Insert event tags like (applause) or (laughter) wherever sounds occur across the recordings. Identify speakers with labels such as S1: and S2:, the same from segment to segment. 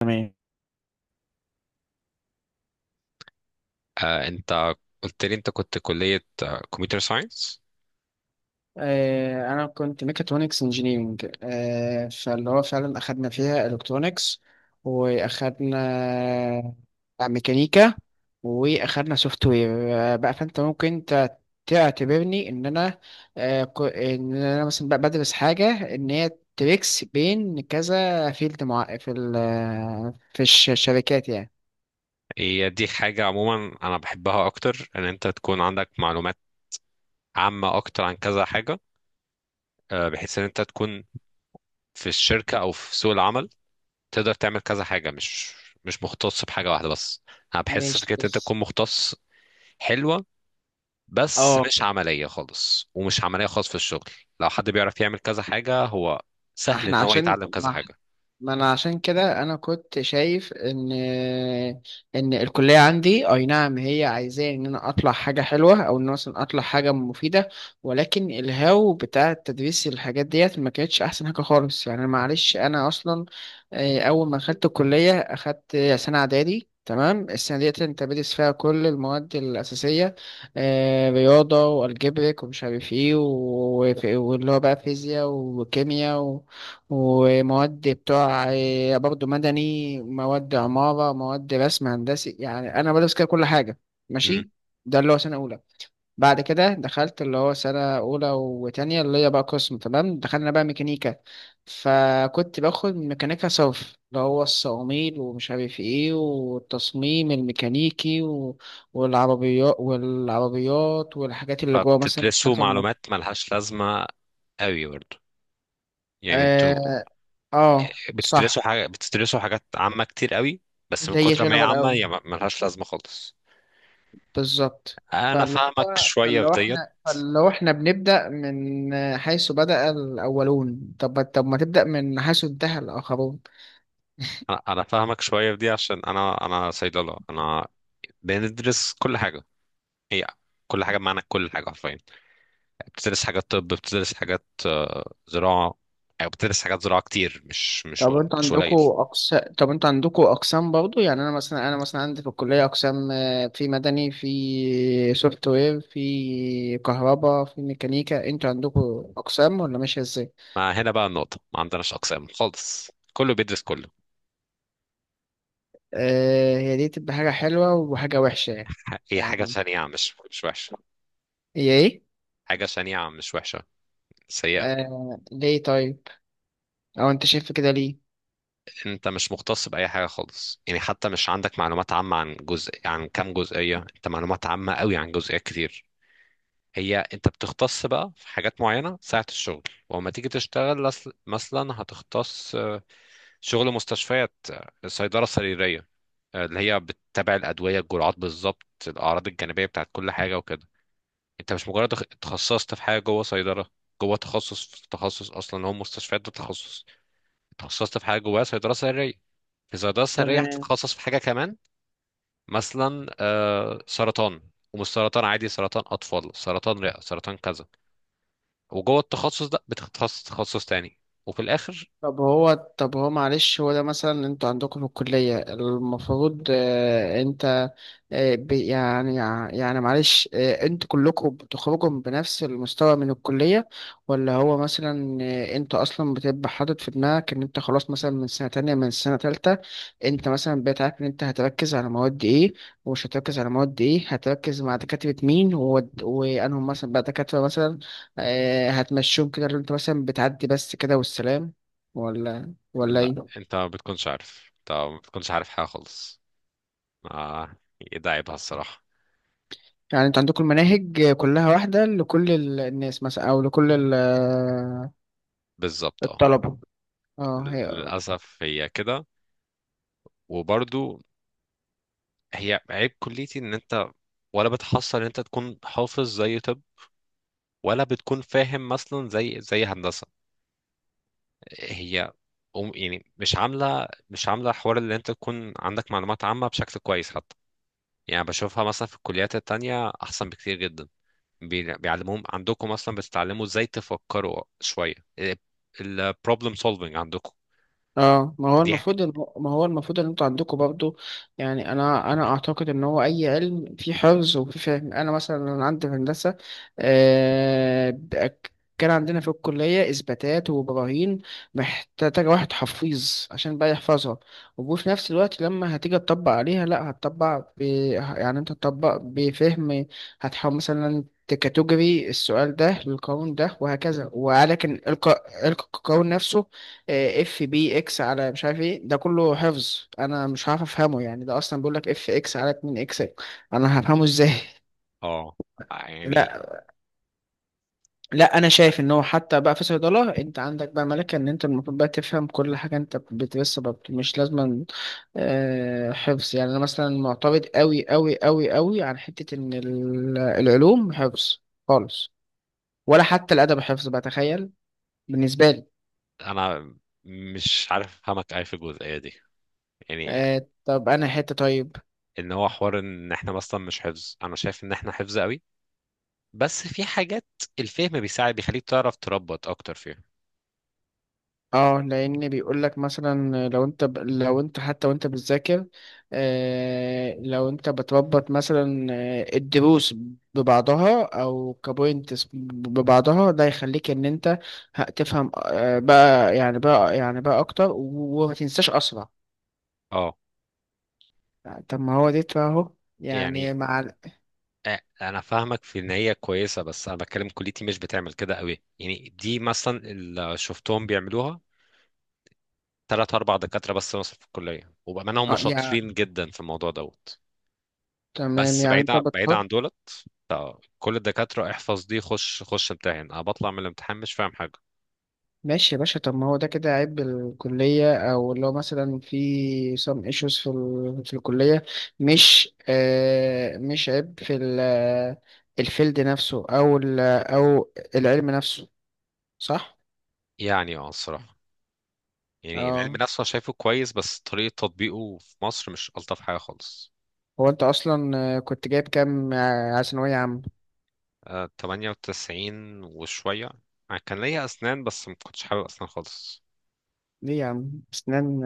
S1: تمام.
S2: انت قلت لي انت كنت كلية كمبيوتر ساينس.
S1: انا كنت ميكاترونكس انجينيرنج، فاللي هو فعلا اخدنا فيها الكترونكس، واخدنا ميكانيكا، واخدنا سوفت وير. بقى فانت ممكن تعتبرني ان انا، ان انا مثلا بقى بدرس حاجه ان هي تريكس بين كذا فيلد مع في ال الشركات يعني.
S2: هي دي حاجة عموما انا بحبها اكتر ان انت تكون عندك معلومات عامة اكتر عن كذا حاجة، بحيث ان انت تكون في الشركة او في سوق العمل تقدر تعمل كذا حاجة، مش مختص بحاجة واحدة بس. انا بحس
S1: ماشي
S2: فكرة ان انت
S1: بس
S2: تكون مختص حلوة، بس
S1: اه.
S2: مش عملية خالص ومش عملية خالص في الشغل. لو حد بيعرف يعمل كذا حاجة هو
S1: ما
S2: سهل
S1: احنا
S2: ان هو
S1: عشان
S2: يتعلم كذا
S1: ما
S2: حاجة.
S1: ما انا عشان كده انا كنت شايف ان الكليه عندي، اي نعم، هي عايزاه ان انا اطلع حاجه حلوه، او ان أنا مثلا اطلع حاجه مفيده. ولكن الهاو بتاع تدريس الحاجات ديت ما كانتش احسن حاجه خالص. يعني معلش انا اصلا، اول ما دخلت الكليه اخدت سنه اعدادي. تمام. السنة ديت انت بتدرس فيها كل المواد الأساسية، رياضة والجبرك ومش عارف ايه واللي هو بقى فيزياء وكيمياء ومواد بتوع، برضه مدني، مواد عمارة، مواد رسم هندسي. يعني أنا بدرس كده كل حاجة.
S2: مم.
S1: ماشي. ده اللي هو سنة أولى. بعد كده دخلت اللي هو سنة أولى وتانية، اللي هي بقى قسم. تمام. دخلنا بقى ميكانيكا، فكنت باخد ميكانيكا صرف اللي هو الصواميل ومش عارف ايه، والتصميم الميكانيكي، و... والعربيات والعربيات والحاجات اللي جوه مثلا
S2: فبتدرسوا
S1: بتاعت المطر.
S2: معلومات ملهاش لازمة قوي برضه. يعني انتوا
S1: اه.
S2: بتدرسوا
S1: صح.
S2: حاجة بتدرسوا حاجات عامة كتير قوي، بس من
S1: اللي هي
S2: كتر ما هي عامة
S1: جنرال.
S2: هي ملهاش لازمة خالص.
S1: بالظبط.
S2: انا
S1: فاللي
S2: فاهمك
S1: هو
S2: شوية في
S1: فلو
S2: ديت.
S1: احنا فلو احنا بنبدأ من حيث بدأ الأولون، طب ما تبدأ من حيث انتهى الآخرون.
S2: انا فاهمك شوية في دي عشان انا صيدلة، انا بندرس كل حاجة، هي كل حاجة بمعنى كل حاجة حرفيا. بتدرس حاجات طب، بتدرس حاجات زراعة، أو بتدرس حاجات زراعة كتير، مش مش مش قليل.
S1: طب انتوا عندكوا أقسام برضو. يعني أنا مثلا عندي في الكلية أقسام، في مدني، في سوفت وير، في كهرباء، في ميكانيكا. انتوا عندكوا أقسام ولا ماشية ازاي؟
S2: ما هنا بقى النقطة ما عندناش أقسام خالص، كله بيدرس كله.
S1: هي دي تبقى حاجة حلوة وحاجة وحشة يعني.
S2: هي حاجة
S1: يعني
S2: شنيعة، مش وحشة.
S1: هي ايه؟
S2: حاجة شنيعة مش وحشة، سيئة.
S1: آه، ليه طيب؟ أو انت شايف كده ليه؟
S2: انت مش مختص باي حاجه خالص، يعني حتى مش عندك معلومات عامه عن جزء عن كام جزئيه، انت معلومات عامه قوي عن جزئيات كتير. هي انت بتختص بقى في حاجات معينه ساعه الشغل. ولما تيجي تشتغل مثلا هتختص، شغل مستشفيات، صيدله سريريه، اللي هي بتتابع الادويه الجرعات بالظبط الاعراض الجانبيه بتاعت كل حاجه وكده. انت مش مجرد اتخصصت في حاجه جوه صيدله، جوه تخصص في تخصص، اصلا هو مستشفيات ده تخصص. اتخصصت في حاجه جواها صيدله سريه. في صيدله سريه
S1: تمام.
S2: هتتخصص في حاجه كمان، مثلا سرطان. ومش سرطان عادي، سرطان اطفال، سرطان رئه، سرطان كذا. وجوه التخصص ده بتتخصص تخصص تاني. وفي الاخر.
S1: طب هو معلش هو ده مثلا انتوا عندكم في الكلية المفروض اه انت، يعني يعني معلش اه، انتوا كلكم بتخرجوا بنفس المستوى من الكلية، ولا هو مثلا اه انت اصلا بتبقى حاطط في دماغك ان انت خلاص مثلا من سنة تانية من سنة تالتة انت مثلا بقيت عارف ان انت هتركز على مواد ايه ومش هتركز على مواد ايه، هتركز مع دكاترة مين، وانهم مثلا بقى دكاترة مثلا اه هتمشيهم كده اللي انت مثلا بتعدي بس كده والسلام، ولا
S2: لا
S1: ايه؟
S2: انت ما بتكونش عارف حاجه خالص. آه. ده عيبها الصراحه.
S1: يعني انتوا عندكم المناهج كلها واحدة لكل الناس مثلا او لكل
S2: بالظبط اه.
S1: الطلبة؟ اه هي.
S2: للاسف هي كده. وبرضو هي عيب كليتي ان انت ولا بتحصل ان انت تكون حافظ زي طب، ولا بتكون فاهم مثلا زي هندسه. هي يعني مش عامله حوار اللي انت تكون عندك معلومات عامه بشكل كويس حتى. يعني بشوفها مثلا في الكليات التانية احسن بكتير جدا. بيعلموهم عندكم اصلا بتتعلموا ازاي تفكروا شويه، البروبلم سولفنج عندكم.
S1: اه ما هو
S2: دي ح-
S1: المفروض ما هو المفروض ان انتوا عندكم برضو. يعني انا اعتقد ان هو اي علم فيه حفظ وفيه فهم. انا عندي في هندسه، آه ب- كان عندنا في الكليه اثباتات وبراهين محتاجه واحد حفيظ عشان بقى يحفظها. وفي نفس الوقت لما هتيجي تطبق عليها لا هتطبق يعني انت تطبق بفهم. هتحاول مثلا تكاتيجوري السؤال ده للقانون ده وهكذا، ولكن القانون نفسه اف بي اكس على مش عارف ايه ده كله حفظ. انا مش عارف افهمه. يعني ده اصلا بيقول لك اف اكس على 2 اكس، انا هفهمه ازاي؟
S2: اه
S1: (laughs)
S2: يعني
S1: لا. لا انا شايف ان هو حتى بقى في صيدله انت عندك بقى ملكه ان انت المفروض بقى تفهم كل حاجه انت بتدرسها، بقى مش لازم حفظ. يعني انا مثلا معترض قوي قوي قوي قوي عن حته ان العلوم حفظ خالص، ولا حتى الادب حفظ بقى. تخيل. بالنسبه لي.
S2: انا مش عارف افهمك اي في الجزئيه دي. يعني
S1: طب انا حته طيب.
S2: ان هو حوار ان احنا مثلا مش حفظ، انا شايف ان احنا حفظ قوي، بس في حاجات الفهم بيساعد بيخليك تعرف تربط اكتر فيها.
S1: اه لان بيقول لك مثلا لو انت لو انت حتى وانت بتذاكر آه، لو انت بتربط مثلا الدروس ببعضها او كبوينتس ببعضها، ده يخليك ان انت هتفهم آه بقى، يعني بقى اكتر وما تنساش اسرع.
S2: اه
S1: يعني طب ما هو دي اهو.
S2: يعني.
S1: يعني مع
S2: انا فاهمك في ان هي كويسه، بس انا بتكلم كليتي مش بتعمل كده قوي، يعني دي مثلا اللي شفتهم بيعملوها ثلاث اربع دكاتره بس مثلا في الكليه، وبامانه هم
S1: اه يعني
S2: شاطرين جدا في الموضوع دوت.
S1: تمام.
S2: بس
S1: يعني انت
S2: بعيد عن دولت. كل الدكاتره احفظ دي خش خش امتحن، انا بطلع من الامتحان مش فاهم حاجه.
S1: ماشي يا باشا. طب ما هو ده كده عيب الكلية، أو اللي هو مثلا في some issues في في الكلية، مش آه، مش عيب في الفيلد نفسه أو أو العلم نفسه، صح؟
S2: يعني اه الصراحه. يعني العلم
S1: اه
S2: نفسه أنا شايفه كويس، بس طريقه تطبيقه في مصر مش الطف حاجه خالص.
S1: هو أنت أصلا، كنت جايب كام على ثانوية عامة؟
S2: 98 وشويه. أنا كان ليا اسنان بس ما كنتش حابب اسنان خالص.
S1: ليه يا عم؟ أسنان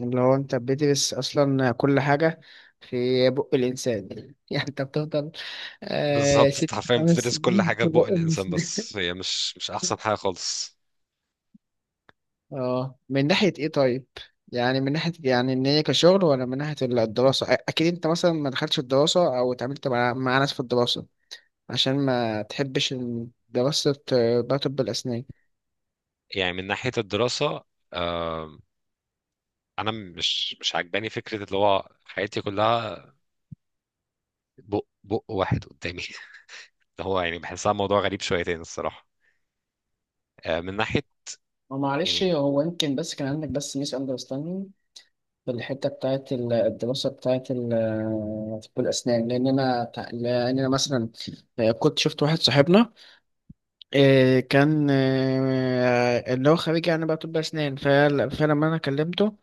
S1: اللي هو أنت بتدرس أصلا كل حاجة في بق الإنسان (laughs) يعني أنت بتفضل آه
S2: بالظبط أنت
S1: ست
S2: حرفيا
S1: خمس
S2: بتدرس كل
S1: سنين
S2: حاجة
S1: في
S2: في بق
S1: بق
S2: الإنسان،
S1: الإنسان.
S2: بس هي مش أحسن حاجة خالص.
S1: اه من ناحية ايه طيب؟ يعني من ناحية، يعني ان هي كشغل، ولا من ناحية الدراسة اكيد انت مثلا ما دخلتش الدراسة او اتعاملت مع، مع ناس في الدراسة عشان ما تحبش إن دراسة بقى طب الاسنان.
S2: يعني من ناحية الدراسة. آه، أنا مش عاجباني فكرة اللي هو حياتي كلها بق واحد قدامي (laughs) اللي هو يعني بحسها موضوع غريب شويتين الصراحة. من ناحية
S1: هو معلش
S2: يعني.
S1: هو يمكن بس كان عندك بس ميس اندرستاندينج في الحته بتاعت الدراسه بتاعت طب الاسنان، لان انا مثلا كنت شفت واحد صاحبنا، إيه كان إيه اللي هو خريج يعني بقى طب أسنان. فلما أنا كلمته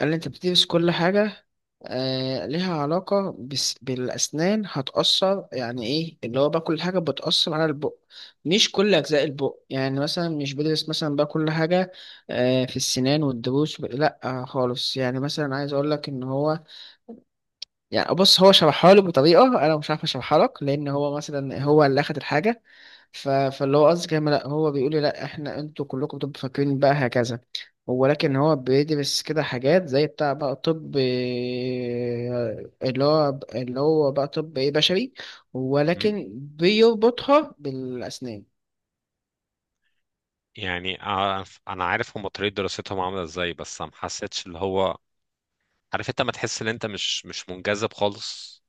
S1: قال لي أنت بتدرس كل حاجة آه ليها علاقة بس بالأسنان هتأثر. يعني إيه اللي هو بقى كل حاجة بتأثر على البق، مش كل أجزاء البق. يعني مثلا مش بدرس مثلا بقى كل حاجة آه، في السنان والضروس لأ آه خالص. يعني مثلا عايز أقول لك إن هو، يعني بص هو شرحها لي بطريقة أنا مش عارف أشرحها لك، لأن هو مثلا هو اللي أخد الحاجة. فاللي هو قصدي كلام. لا هو بيقول لي لا احنا انتوا كلكم بتبقوا فاكرين بقى هكذا، ولكن هو بيدرس كده حاجات زي بتاع بقى طب إيه، اللي هو بقى طب ايه بشري
S2: مم،
S1: ولكن بيربطها بالأسنان.
S2: يعني أنا عارف هما طريقة دراستهم عاملة إزاي، بس أنا ما حسيتش اللي هو، عارف أنت ما تحس إن أنت مش منجذب خالص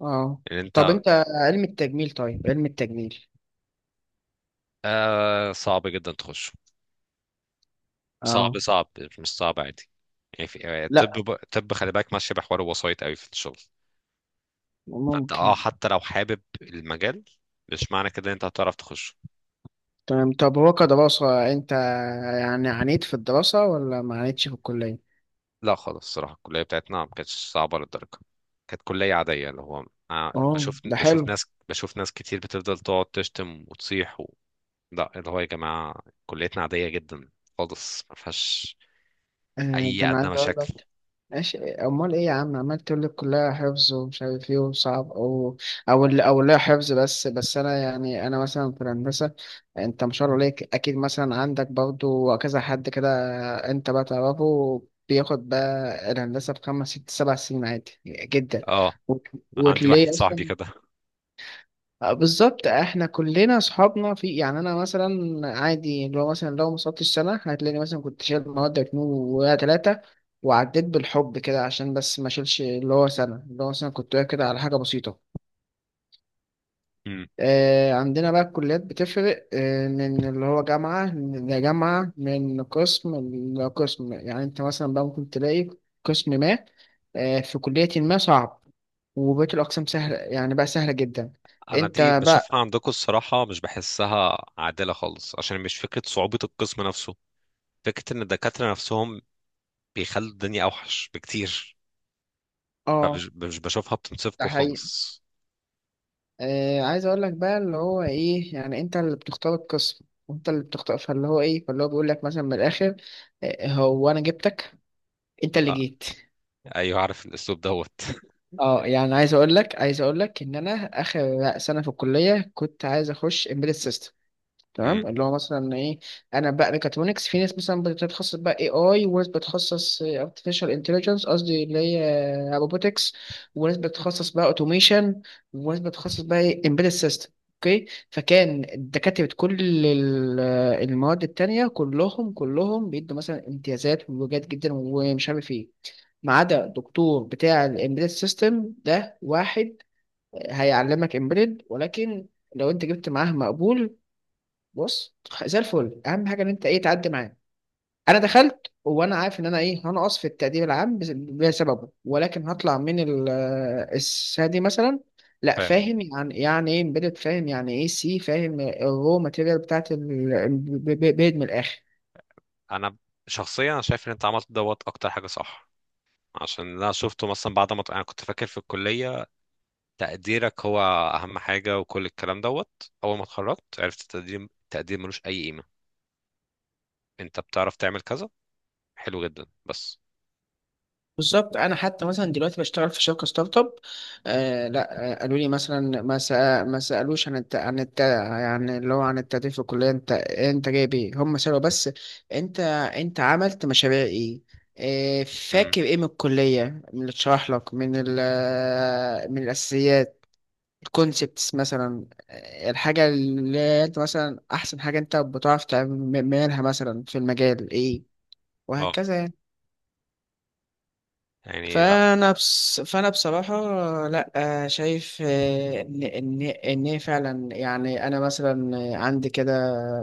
S1: اه
S2: إن
S1: طب
S2: أنت.
S1: انت علم التجميل؟ طيب علم التجميل؟
S2: آه صعب جدا تخش. صعب
S1: اه
S2: صعب. مش صعب عادي. يعني في يعني طب
S1: لا
S2: طب خلي بالك ماشيه بحوار الوسايط قوي في الشغل. فانت اه
S1: ممكن.
S2: حتى لو حابب المجال مش معنى كده ان انت هتعرف تخش.
S1: تمام. طب هو كدراسة انت يعني عانيت في الدراسة ولا ما عانيتش في الكلية؟
S2: لا خالص الصراحه الكليه بتاعتنا ما كانتش صعبه للدرجه. كانت كليه عاديه اللي هو،
S1: اه.
S2: بشوف
S1: ده
S2: بشوف
S1: حلو.
S2: ناس بشوف ناس كتير بتفضل تقعد تشتم وتصيح و... لا اللي هو يا جماعه كليتنا عاديه جدا خالص، ما فيهاش
S1: ده
S2: اي
S1: انا
S2: ادنى
S1: عايز اقول
S2: مشاكل.
S1: لك. ماشي، امال ايه يا عم عمال تقول لي كلها حفظ ومش عارف ايه وصعب، او لا حفظ بس. بس انا يعني انا مثلا في الهندسه، انت ما شاء الله عليك اكيد مثلا عندك برضو كذا حد كده انت بقى تعرفه بياخد بقى الهندسه في خمس ست سبع سنين عادي جدا.
S2: اه
S1: وت-
S2: عندي واحد
S1: وتلاقيه
S2: صاحبي
S1: اصلا
S2: كده
S1: بالظبط. احنا كلنا اصحابنا في، يعني انا مثلا عادي، لو مثلا لو ما صدتش سنه هتلاقيني مثلا كنت شايل مواد اتنين ولا تلاته وعديت بالحب كده عشان بس ما اشيلش اللي هو سنه، اللي هو مثلا كنت واقف كده على حاجه بسيطه.
S2: (laughs)
S1: آه عندنا بقى الكليات بتفرق آه من اللي هو جامعه لجامعه، من قسم لقسم. يعني انت مثلا بقى ممكن تلاقي قسم ما آه في كليه ما صعب وبقيه الاقسام سهله، يعني بقى سهله جدا.
S2: انا دي
S1: انت
S2: بشوفها
S1: بقى.
S2: عندكم الصراحه مش بحسها عادله خالص عشان مش فكره صعوبه القسم نفسه. فكره ان الدكاتره نفسهم بيخلوا الدنيا اوحش بكتير.
S1: اه
S2: فمش مش بشوفها
S1: ده
S2: بتنصفكم
S1: حقيقي.
S2: خالص.
S1: آه عايز اقول لك بقى اللي هو ايه، يعني انت اللي بتختار القسم وانت اللي بتختار، فاللي هو ايه، فاللي هو بيقول لك مثلا من الاخر آه هو انا جبتك، انت اللي
S2: آه.
S1: جيت.
S2: ايوه عارف الاسلوب دوت
S1: اه يعني عايز اقول لك ان انا اخر سنه في الكليه كنت عايز اخش embedded system.
S2: (laughs) مم،
S1: تمام، اللي هو مثلا ايه، انا بقى ميكاترونكس في ناس مثلا بتتخصص بقى اي اي وناس بتتخصص ارتفيشال انتليجنس، قصدي اللي هي روبوتكس، وناس بتتخصص بقى اوتوميشن، وناس بتتخصص بقى ايه امبيدد سيستم. اوكي. فكان دكاترة كل ال- المواد التانية كلهم بيدوا مثلا امتيازات وجات جدا ومش عارف ايه، ما عدا دكتور بتاع الامبيدد سيستم ده، واحد هيعلمك امبيدد ولكن لو انت جبت معاه مقبول بص زي الفل. اهم حاجه ان انت ايه تعدي معاه. انا دخلت وانا عارف ان انا ايه هنقص في التقدير العام بسببه، ولكن هطلع من السنه دي مثلا لا
S2: فاهم.
S1: فاهم. يعني يعني ايه امبيدد فاهم، يعني ايه سي فاهم، الرو ماتيريال بتاعت الامبيدد من الاخر
S2: انا شخصيا شايف ان انت عملت دوت اكتر حاجه صح، عشان انا شفته مثلا بعد ما انا كنت فاكر في الكليه تقديرك هو اهم حاجه وكل الكلام دوت. اول ما اتخرجت عرفت التقدير، التقدير ملوش اي قيمه، انت بتعرف تعمل كذا حلو جدا بس.
S1: بالظبط. انا حتى مثلا دلوقتي بشتغل في شركه ستارت اب. آه لا آه قالوا لي مثلا ما سالوش عن يعني اللي هو عن التدريب في الكليه انت جايب ايه. هم سالوا بس انت انت عملت مشاريع ايه، آه فاكر ايه من الكليه، من اللي اتشرح لك من من الاساسيات، الكونسبتس مثلا الحاجه اللي انت مثلا احسن حاجه انت بتعرف تعملها مثلا في المجال ايه
S2: اه
S1: وهكذا يعني.
S2: يعني لا.
S1: فانا بصراحه لا شايف ان ان هي فعلا. يعني انا مثلا عندي كده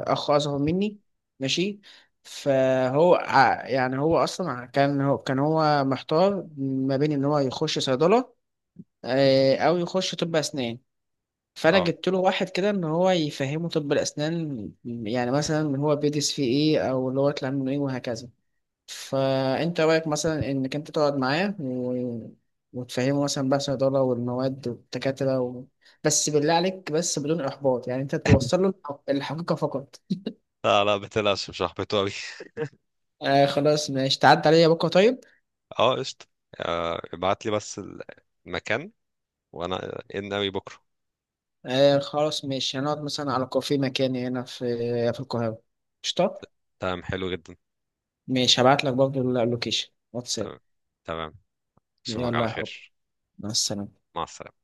S1: اخ اصغر مني. ماشي. فهو يعني هو اصلا كان هو محتار ما بين ان هو يخش صيدله او يخش طب اسنان. فانا
S2: اه
S1: جبت له واحد كده ان هو يفهمه طب الاسنان، يعني مثلا هو بيدرس فيه ايه او اللي هو يطلع منه ايه وهكذا. فانت رايك مثلا انك انت تقعد معاه و... وتفهمه مثلا بقى الصيدله والمواد والدكاتره، و... بس بالله عليك بس بدون احباط. يعني انت توصل له الحقيقه فقط.
S2: لا. لا بتقلقش مش هحبطه أوي.
S1: خلاص ماشي، تعدي عليا بكره طيب.
S2: اه قشطة. ابعت لي بس المكان وأنا إن أوي بكرة.
S1: خلاص ماشي، هنقعد مثلا على كافيه مكاني هنا في في القاهره. قشطه.
S2: تمام حلو جدا.
S1: ماشي هبعت لك برضه اللوكيشن واتساب.
S2: تمام. تمام. أشوفك
S1: يلا
S2: على
S1: يا حب،
S2: خير.
S1: مع السلامه.
S2: مع السلامة.